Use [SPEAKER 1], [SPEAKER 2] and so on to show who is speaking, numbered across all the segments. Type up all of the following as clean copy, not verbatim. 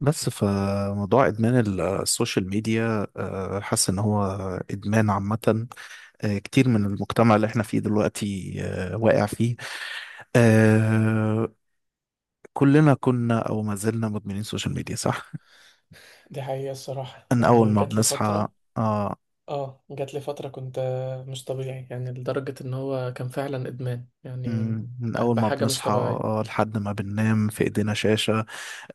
[SPEAKER 1] بس فموضوع ادمان السوشيال ميديا، حاسس ان هو ادمان عامة. كتير من المجتمع اللي احنا فيه دلوقتي، واقع فيه. آه، كلنا كنا او ما زلنا مدمنين سوشيال ميديا، صح؟
[SPEAKER 2] دي حقيقة الصراحة،
[SPEAKER 1] من اول
[SPEAKER 2] يعني
[SPEAKER 1] ما
[SPEAKER 2] جات لي
[SPEAKER 1] بنصحى
[SPEAKER 2] فترة
[SPEAKER 1] اه
[SPEAKER 2] كنت مش طبيعي، يعني لدرجة ان هو كان فعلا ادمان، يعني
[SPEAKER 1] مم، من اول ما
[SPEAKER 2] بحاجة مش
[SPEAKER 1] بنصحى،
[SPEAKER 2] طبيعية.
[SPEAKER 1] لحد ما بننام في ايدينا شاشة.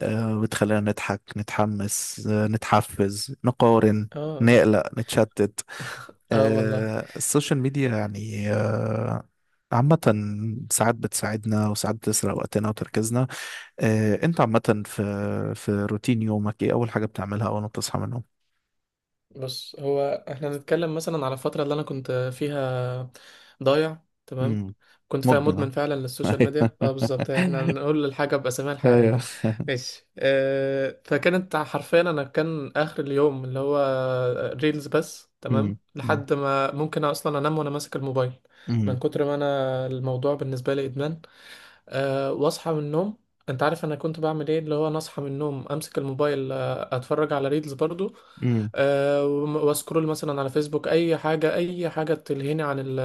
[SPEAKER 1] بتخلينا نضحك نتحمس، نتحفز نقارن
[SPEAKER 2] اه، اه،
[SPEAKER 1] نقلق نتشتت.
[SPEAKER 2] آه والله.
[SPEAKER 1] السوشيال ميديا يعني، عامة، ساعات بتساعدنا وساعات بتسرق وقتنا وتركيزنا. انت عامة في روتين يومك، ايه أول حاجة بتعملها أول ما بتصحى من النوم؟
[SPEAKER 2] بص، هو احنا نتكلم مثلا على الفترة اللي انا كنت فيها ضايع تمام،
[SPEAKER 1] امم،
[SPEAKER 2] كنت فيها
[SPEAKER 1] مدمن،
[SPEAKER 2] مدمن فعلا
[SPEAKER 1] آه.
[SPEAKER 2] للسوشيال ميديا. اه بالظبط، احنا نقول الحاجة بأساميها الحقيقية،
[SPEAKER 1] ايوه.
[SPEAKER 2] ماشي، فكانت حرفيا انا كان اخر اليوم اللي هو ريلز بس،
[SPEAKER 1] أمم،
[SPEAKER 2] تمام،
[SPEAKER 1] أمم،
[SPEAKER 2] لحد ما ممكن اصلا انام وانا ماسك الموبايل،
[SPEAKER 1] أمم،
[SPEAKER 2] من كتر ما انا الموضوع بالنسبه لي ادمان. واصحى من النوم، انت عارف انا كنت بعمل ايه؟ اللي هو انا اصحى من النوم، امسك الموبايل، اتفرج على ريلز برضو،
[SPEAKER 1] أمم،
[SPEAKER 2] واسكرول مثلا على فيسبوك، اي حاجه اي حاجه تلهيني عن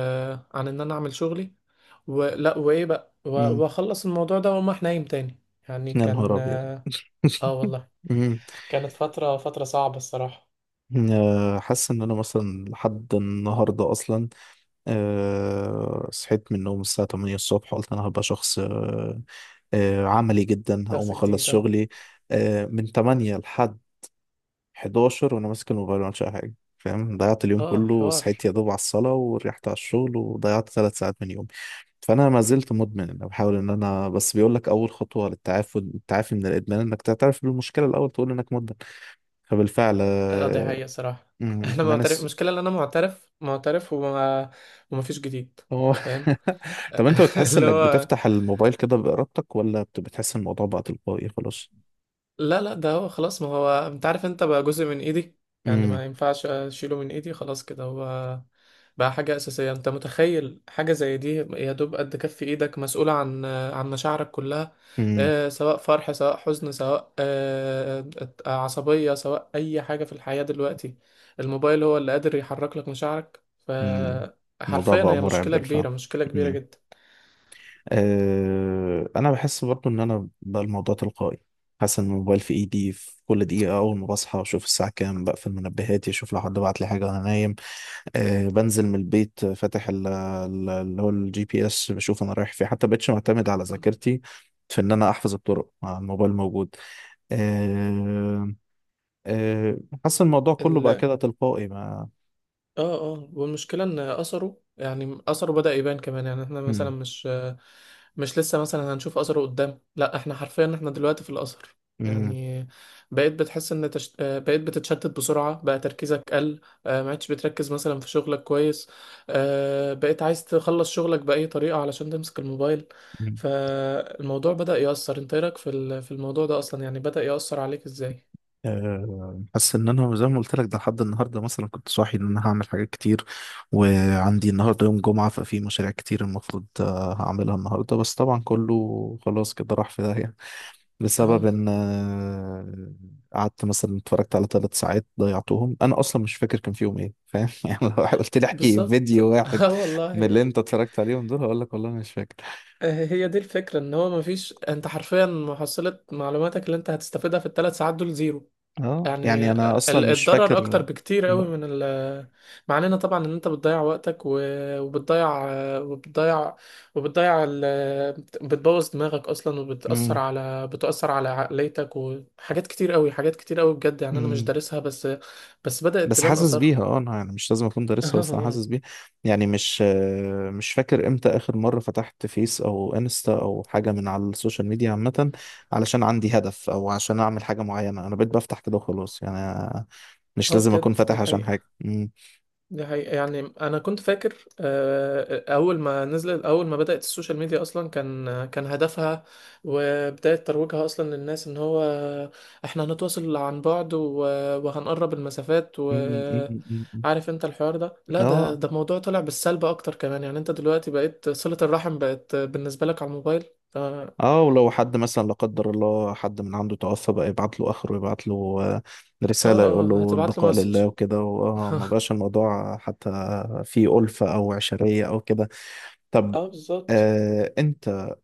[SPEAKER 2] عن ان انا اعمل شغلي، ولا وايه بقى
[SPEAKER 1] أمم.
[SPEAKER 2] واخلص الموضوع ده واقوم رايح نايم تاني، يعني
[SPEAKER 1] يا نهار
[SPEAKER 2] كان.
[SPEAKER 1] أبيض.
[SPEAKER 2] اه والله،
[SPEAKER 1] أمم.
[SPEAKER 2] كانت فترة صعبة الصراحة.
[SPEAKER 1] حاسس إن أنا مثلا لحد النهاردة أصلا صحيت من النوم الساعة 8 الصبح، قلت أنا هبقى شخص أه أه عملي جدا، هقوم
[SPEAKER 2] دراسة
[SPEAKER 1] أخلص
[SPEAKER 2] جديدة.
[SPEAKER 1] شغلي من 8 لحد 11 وأنا ماسك الموبايل، ما عملتش أي حاجة، فاهم؟ ضيعت اليوم
[SPEAKER 2] اه،
[SPEAKER 1] كله،
[SPEAKER 2] حوار.
[SPEAKER 1] وصحيت يا دوب على الصلاة وريحت على الشغل، وضيعت 3 ساعات من يومي. فأنا ما زلت مدمن. أنا بحاول إن أنا، بس بيقول لك، أول خطوة للتعافي من الإدمان إنك تعترف بالمشكلة الأول، تقول إنك مدمن. فبالفعل،
[SPEAKER 2] اه دي حقيقة صراحة. انا
[SPEAKER 1] ادمان.
[SPEAKER 2] معترف المشكلة ان انا معترف وما فيش جديد،
[SPEAKER 1] هو.
[SPEAKER 2] فاهم؟
[SPEAKER 1] طب انت بتحس
[SPEAKER 2] اللي
[SPEAKER 1] انك
[SPEAKER 2] هو.
[SPEAKER 1] بتفتح الموبايل كده بإرادتك، ولا بتحس إن الموضوع بقى تلقائي خلاص؟
[SPEAKER 2] لا لا، ده هو خلاص، ما هو انت عارف، انت بقى جزء من ايدي، يعني
[SPEAKER 1] امم،
[SPEAKER 2] ما ينفعش اشيله من ايدي، خلاص كده هو بقى حاجة أساسية. انت متخيل حاجة زي دي؟ يا دوب قد كف ايدك مسؤولة عن مشاعرك كلها،
[SPEAKER 1] امم،
[SPEAKER 2] آه سواء فرح، سواء حزن، سواء عصبية، سواء اي حاجة في الحياة دلوقتي، الموبايل هو اللي قادر يحرك لك مشاعرك،
[SPEAKER 1] امم. الموضوع
[SPEAKER 2] فحرفيا
[SPEAKER 1] بقى
[SPEAKER 2] هي
[SPEAKER 1] مرعب
[SPEAKER 2] مشكلة
[SPEAKER 1] بالفعل.
[SPEAKER 2] كبيرة، مشكلة كبيرة
[SPEAKER 1] امم.
[SPEAKER 2] جدا.
[SPEAKER 1] انا بحس برضو ان انا بقى الموضوع تلقائي. حاسس ان الموبايل في ايدي في كل دقيقة، اول ما بصحى اشوف الساعة كام، بقفل منبهاتي، اشوف لو حد بعت لي حاجة وانا نايم. بنزل من البيت فاتح اللي هو الجي بي اس، بشوف انا رايح فين، حتى بقتش معتمد على ذاكرتي في ان انا احفظ الطرق مع الموبايل موجود. آه، آه، حاسس الموضوع كله بقى كده تلقائي، ما
[SPEAKER 2] اه، اه، والمشكلة ان اثره، يعني اثره بدأ يبان كمان، يعني احنا مثلا
[SPEAKER 1] مم،
[SPEAKER 2] مش لسه مثلا هنشوف اثره قدام، لا احنا حرفيا احنا دلوقتي في الاثر،
[SPEAKER 1] مم،
[SPEAKER 2] يعني بقيت بتحس ان تش... آه، بقيت بتتشتت بسرعة، بقى تركيزك قل، ما عادش بتركز مثلا في شغلك كويس، بقيت عايز تخلص شغلك بأي طريقة علشان تمسك الموبايل،
[SPEAKER 1] مم.
[SPEAKER 2] فالموضوع بدأ يأثر. انت إيه رأيك في الموضوع ده اصلا؟ يعني بدأ يأثر عليك ازاي؟
[SPEAKER 1] حاسس ان انا زي ما قلت لك، ده لحد النهارده مثلا كنت صاحي ان انا هعمل حاجات كتير، وعندي النهارده يوم جمعه، ففي مشاريع كتير المفروض هعملها النهارده، بس طبعا كله خلاص كده راح في داهيه، بسبب
[SPEAKER 2] اه
[SPEAKER 1] ان قعدت مثلا اتفرجت على 3 ساعات ضيعتهم، انا اصلا مش فاكر كان فيهم ايه، فاهم؟ يعني لو قلت لي احكي فيديو
[SPEAKER 2] بالظبط،
[SPEAKER 1] واحد
[SPEAKER 2] اه
[SPEAKER 1] من اللي
[SPEAKER 2] والله،
[SPEAKER 1] انت اتفرجت عليهم دول، هقول لك والله مش فاكر.
[SPEAKER 2] هي دي الفكرة، ان هو مفيش، انت حرفيا محصلة معلوماتك اللي انت هتستفيدها في الثلاث ساعات دول زيرو،
[SPEAKER 1] اه يعني
[SPEAKER 2] يعني
[SPEAKER 1] انا اصلا مش
[SPEAKER 2] الضرر
[SPEAKER 1] فاكر.
[SPEAKER 2] اكتر بكتير
[SPEAKER 1] م-
[SPEAKER 2] قوي من ال. مع اننا طبعا، ان انت بتضيع وقتك وبتضيع وبتضيع بتبوظ دماغك اصلا، وبتأثر
[SPEAKER 1] م-
[SPEAKER 2] على بتأثر على عقليتك وحاجات كتير قوي، حاجات كتير قوي، بجد، يعني انا مش
[SPEAKER 1] م.
[SPEAKER 2] دارسها، بس بس بدأت
[SPEAKER 1] بس
[SPEAKER 2] تبان
[SPEAKER 1] حاسس
[SPEAKER 2] اثارها.
[SPEAKER 1] بيها. اه انا يعني مش لازم اكون دارسها،
[SPEAKER 2] اه،
[SPEAKER 1] بس انا حاسس بيها. يعني مش فاكر امتى اخر مره فتحت فيس او انستا او حاجه من على السوشيال ميديا عامه، علشان عندي هدف او عشان اعمل حاجه معينه. انا بقيت بفتح كده وخلاص يعني، مش لازم اكون
[SPEAKER 2] بجد
[SPEAKER 1] فاتح
[SPEAKER 2] ده
[SPEAKER 1] عشان
[SPEAKER 2] حقيقي،
[SPEAKER 1] حاجه. م-
[SPEAKER 2] دي حقيقة، يعني أنا كنت فاكر، أول ما بدأت السوشيال ميديا أصلا، كان هدفها وبداية ترويجها أصلا للناس إن هو إحنا هنتواصل عن بعد، وهنقرب المسافات،
[SPEAKER 1] م- م- م- م.
[SPEAKER 2] وعارف أنت الحوار ده، لا ده
[SPEAKER 1] اه
[SPEAKER 2] ده موضوع طلع بالسلب أكتر كمان، يعني أنت دلوقتي بقيت، صلة الرحم بقت بالنسبة لك على الموبايل، ف- آه
[SPEAKER 1] اه ولو حد مثلا، لا قدر الله، حد من عنده توفى بقى، يبعت له اخره يبعت له آه، رسالة، يقول له
[SPEAKER 2] هتبعت له
[SPEAKER 1] البقاء
[SPEAKER 2] مسج.
[SPEAKER 1] لله وكده، واه ما بقاش الموضوع حتى في ألفة او عشرية او كده. طب
[SPEAKER 2] اه بالظبط،
[SPEAKER 1] انت،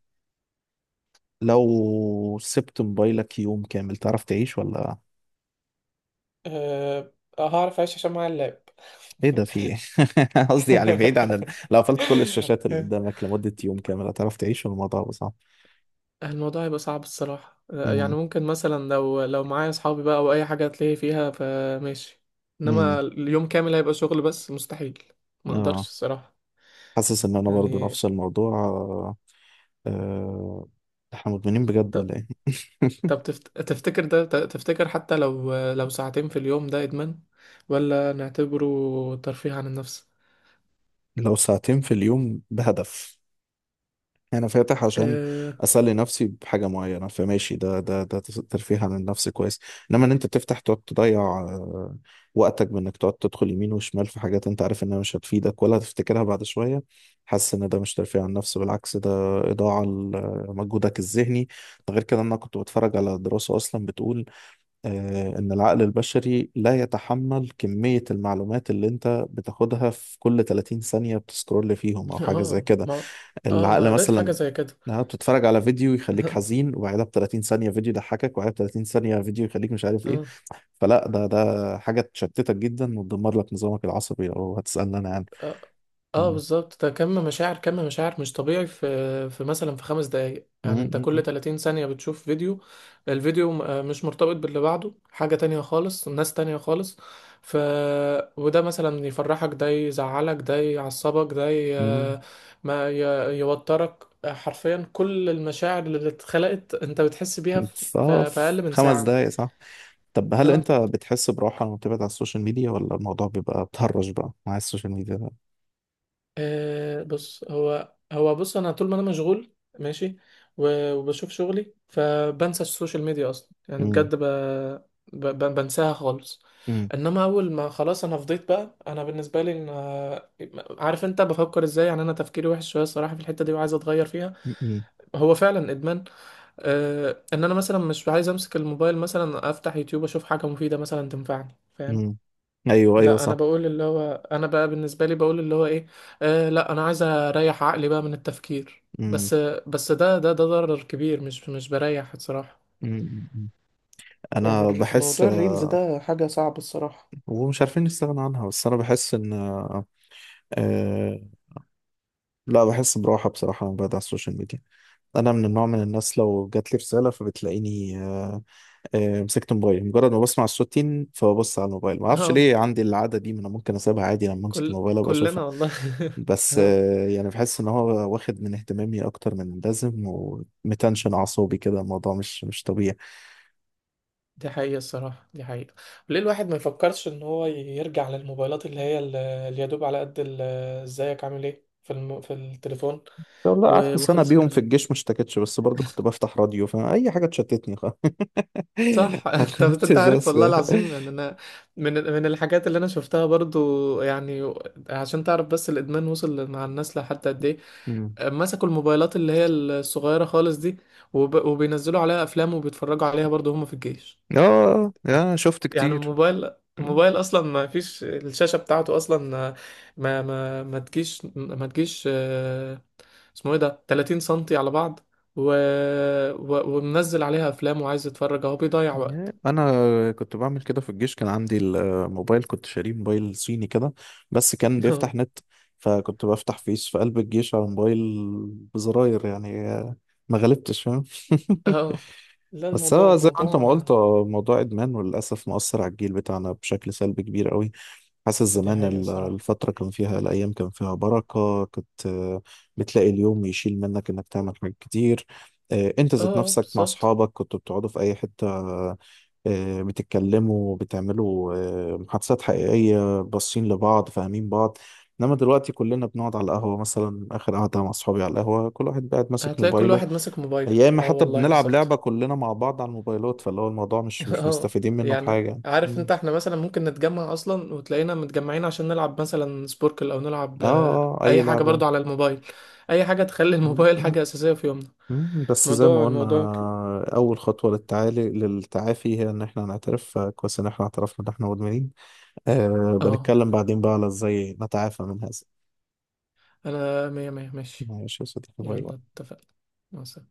[SPEAKER 1] لو سبت موبايلك يوم كامل، تعرف تعيش ولا؟
[SPEAKER 2] أه هعرف أعيش عشان معايا اللاب.
[SPEAKER 1] ايه ده؟ في ايه؟ قصدي يعني بعيد عن لو قفلت كل الشاشات اللي قدامك لمدة يوم كامل، هتعرف تعيش ولا الموضوع هيبقى صعب؟
[SPEAKER 2] الموضوع هيبقى صعب الصراحة، يعني
[SPEAKER 1] امم،
[SPEAKER 2] ممكن مثلا لو معايا أصحابي بقى أو أي حاجة، هتلاقي فيها فماشي،
[SPEAKER 1] امم.
[SPEAKER 2] إنما اليوم كامل هيبقى شغل بس مستحيل، ما أقدرش
[SPEAKER 1] اه
[SPEAKER 2] الصراحة،
[SPEAKER 1] حاسس ان انا برضو
[SPEAKER 2] يعني.
[SPEAKER 1] نفس الموضوع. آه، احنا مدمنين بجد
[SPEAKER 2] طب
[SPEAKER 1] ولا ايه؟
[SPEAKER 2] طب تفتكر ده، تفتكر حتى لو ساعتين في اليوم ده إدمان؟ ولا نعتبره ترفيه عن النفس؟
[SPEAKER 1] لو ساعتين في اليوم بهدف، انا فاتح عشان
[SPEAKER 2] آه،
[SPEAKER 1] اسلي نفسي بحاجه معينه، فماشي، ده ترفيه عن النفس كويس. انما ان انت تفتح تقعد تضيع وقتك، بانك تقعد تدخل يمين وشمال في حاجات انت عارف انها مش هتفيدك ولا هتفتكرها بعد شويه، حاسس ان ده مش ترفيه عن النفس، بالعكس ده اضاعه لمجهودك الذهني. ده غير كده إن انا كنت بتفرج على دراسه اصلا بتقول، آه، إن العقل البشري لا يتحمل كمية المعلومات اللي أنت بتاخدها في كل 30 ثانية بتسكرول فيهم أو حاجة زي كده.
[SPEAKER 2] ما أنا
[SPEAKER 1] العقل
[SPEAKER 2] قريت حاجة
[SPEAKER 1] مثلا،
[SPEAKER 2] زي كده.
[SPEAKER 1] إنها بتتفرج على فيديو يخليك حزين، وبعدها ب 30 ثانية فيديو يضحكك، وبعدها ب 30 ثانية فيديو يخليك مش عارف إيه.
[SPEAKER 2] آه،
[SPEAKER 1] فلا، ده حاجة تشتتك جدا وتدمر لك نظامك العصبي لو هتسألني، أنا يعني.
[SPEAKER 2] اه، آه،
[SPEAKER 1] مم.
[SPEAKER 2] بالظبط. ده كم مشاعر كم مشاعر مش طبيعي، في مثلا في 5 دقايق،
[SPEAKER 1] مم،
[SPEAKER 2] يعني انت كل
[SPEAKER 1] مم،
[SPEAKER 2] 30 ثانية بتشوف فيديو، الفيديو مش مرتبط باللي بعده، حاجة تانية خالص، ناس تانية خالص، ف وده مثلا يفرحك، ده يزعلك، ده يعصبك، ده ي...
[SPEAKER 1] مم.
[SPEAKER 2] ما ي... يوترك، حرفيا كل المشاعر اللي اتخلقت انت بتحس بيها في
[SPEAKER 1] صف
[SPEAKER 2] أقل من
[SPEAKER 1] خمس
[SPEAKER 2] ساعة.
[SPEAKER 1] دقايق صح. طب هل
[SPEAKER 2] آه.
[SPEAKER 1] انت بتحس براحة لما بتبعد عن السوشيال ميديا، ولا الموضوع بيبقى بتهرج بقى مع السوشيال ميديا؟
[SPEAKER 2] بص هو هو بص، انا طول ما انا مشغول، ماشي، وبشوف شغلي، فبنسى السوشيال ميديا اصلا، يعني
[SPEAKER 1] مم.
[SPEAKER 2] بجد بنساها خالص.
[SPEAKER 1] مم.
[SPEAKER 2] انما اول ما خلاص انا فضيت بقى، انا بالنسبه لي ان، عارف انت بفكر ازاي؟ يعني انا تفكيري وحش شويه الصراحه في الحته دي، وعايز اتغير فيها،
[SPEAKER 1] مم.
[SPEAKER 2] هو فعلا ادمان، ان انا مثلا مش عايز امسك الموبايل مثلا افتح يوتيوب اشوف حاجه مفيده مثلا تنفعني، فاهم؟
[SPEAKER 1] مم. ايوه، ايوه،
[SPEAKER 2] لا، انا
[SPEAKER 1] صح.
[SPEAKER 2] بقول اللي هو انا بقى بالنسبه لي بقول اللي هو ايه، لا انا عايز اريح عقلي بقى من التفكير
[SPEAKER 1] مم.
[SPEAKER 2] بس، بس ده ده ضرر كبير، مش بريح الصراحه،
[SPEAKER 1] مم. مم.
[SPEAKER 2] يعني
[SPEAKER 1] انا بحس،
[SPEAKER 2] موضوع الريلز ده حاجه صعبه الصراحه.
[SPEAKER 1] ومش عارفين نستغنى عنها، بس انا بحس ان آه، لا، بحس براحه بصراحه لما بقعد على السوشيال ميديا. انا من النوع من الناس، لو جات لي رساله فبتلاقيني مسكت موبايل، مجرد ما بسمع الصوت تين فببص على الموبايل، ما اعرفش
[SPEAKER 2] اه
[SPEAKER 1] ليه عندي العاده دي، ما انا ممكن اسيبها عادي، لما امسك
[SPEAKER 2] كل
[SPEAKER 1] الموبايل ابقى اشوفها.
[SPEAKER 2] كلنا والله.
[SPEAKER 1] بس
[SPEAKER 2] اه
[SPEAKER 1] يعني بحس ان هو واخد من اهتمامي اكتر من اللازم، ومتنشن اعصابي كده. الموضوع مش طبيعي.
[SPEAKER 2] دي حقيقه الصراحه، دي حقيقه. ليه الواحد ما يفكرش ان هو يرجع للموبايلات اللي هي اللي يدوب على قد ازيك عامل ايه في التليفون
[SPEAKER 1] لو لا قعدت سنه
[SPEAKER 2] وخلص
[SPEAKER 1] بيهم في
[SPEAKER 2] الكلام؟
[SPEAKER 1] الجيش ما اشتكتش، بس برضو كنت بفتح راديو فاي حاجه تشتتني
[SPEAKER 2] صح،
[SPEAKER 1] ما
[SPEAKER 2] انت
[SPEAKER 1] خدتش
[SPEAKER 2] انت عارف
[SPEAKER 1] بس
[SPEAKER 2] والله
[SPEAKER 1] كده.
[SPEAKER 2] العظيم، يعني انا من الحاجات اللي انا شفتها برضو، يعني عشان تعرف بس الادمان وصل مع الناس لحد قد ايه،
[SPEAKER 1] مم.
[SPEAKER 2] مسكوا الموبايلات اللي هي الصغيره خالص دي، وبينزلوا عليها افلام وبيتفرجوا عليها برضو هم في الجيش،
[SPEAKER 1] يا، شفت
[SPEAKER 2] يعني
[SPEAKER 1] كتير.
[SPEAKER 2] الموبايل اصلا، ما فيش الشاشه بتاعته اصلا، ما تجيش اسمه ايه ده، 30 سنتي على بعض، و... ومنزل عليها افلام وعايز يتفرج، اهو بيضيع وقت.
[SPEAKER 1] انا كنت بعمل كده في الجيش، كان عندي الموبايل، كنت شاريه موبايل صيني كده بس كان بيفتح نت، فكنت بفتح فيس في قلب الجيش على موبايل بزراير، يعني ما غلبتش، فاهم؟
[SPEAKER 2] اه، لا
[SPEAKER 1] بس
[SPEAKER 2] الموضوع
[SPEAKER 1] هو زي ما انت ما
[SPEAKER 2] الموضوع
[SPEAKER 1] قلت، موضوع ادمان، وللاسف مؤثر على الجيل بتاعنا بشكل سلبي كبير قوي. حاسس
[SPEAKER 2] ده دي
[SPEAKER 1] زمان
[SPEAKER 2] حقيقة صراحة.
[SPEAKER 1] الفتره كان فيها، الايام كان فيها بركه، كنت بتلاقي اليوم يشيل منك انك تعمل حاجات كتير. انت
[SPEAKER 2] اه،
[SPEAKER 1] ذات نفسك مع
[SPEAKER 2] بالظبط،
[SPEAKER 1] اصحابك كنتوا بتقعدوا في اي حته، بتتكلموا بتعملوا محادثات حقيقية، باصين لبعض، فاهمين بعض. انما دلوقتي كلنا بنقعد على القهوة، مثلا اخر قعدة مع اصحابي على القهوة كل واحد قاعد ماسك
[SPEAKER 2] هتلاقي كل
[SPEAKER 1] موبايله،
[SPEAKER 2] واحد ماسك موبايله،
[SPEAKER 1] يا اما
[SPEAKER 2] اه
[SPEAKER 1] حتى
[SPEAKER 2] والله
[SPEAKER 1] بنلعب
[SPEAKER 2] بالظبط.
[SPEAKER 1] لعبة كلنا مع بعض على الموبايلات. فاللي هو الموضوع مش مش
[SPEAKER 2] اه
[SPEAKER 1] مستفيدين منه
[SPEAKER 2] يعني،
[SPEAKER 1] بحاجة.
[SPEAKER 2] عارف
[SPEAKER 1] مم.
[SPEAKER 2] انت، احنا مثلا ممكن نتجمع اصلا وتلاقينا متجمعين عشان نلعب مثلا سبوركل او نلعب،
[SPEAKER 1] اه اه اي
[SPEAKER 2] اي حاجة
[SPEAKER 1] لعبة.
[SPEAKER 2] برضو على الموبايل، اي حاجة تخلي الموبايل حاجة اساسية في يومنا.
[SPEAKER 1] مم. بس زي ما
[SPEAKER 2] موضوع
[SPEAKER 1] قلنا
[SPEAKER 2] الموضوع ك-
[SPEAKER 1] أول خطوة للتعافي هي إن إحنا نعترف، فكويس إن إحنا اعترفنا إن إحنا مدمنين.
[SPEAKER 2] اه
[SPEAKER 1] بنتكلم بعدين بقى على إزاي نتعافى من هذا.
[SPEAKER 2] انا مية مية ماشي،
[SPEAKER 1] معلش يا صديقي، باي
[SPEAKER 2] يلا
[SPEAKER 1] باي.
[SPEAKER 2] اتفقنا، مع السلامة.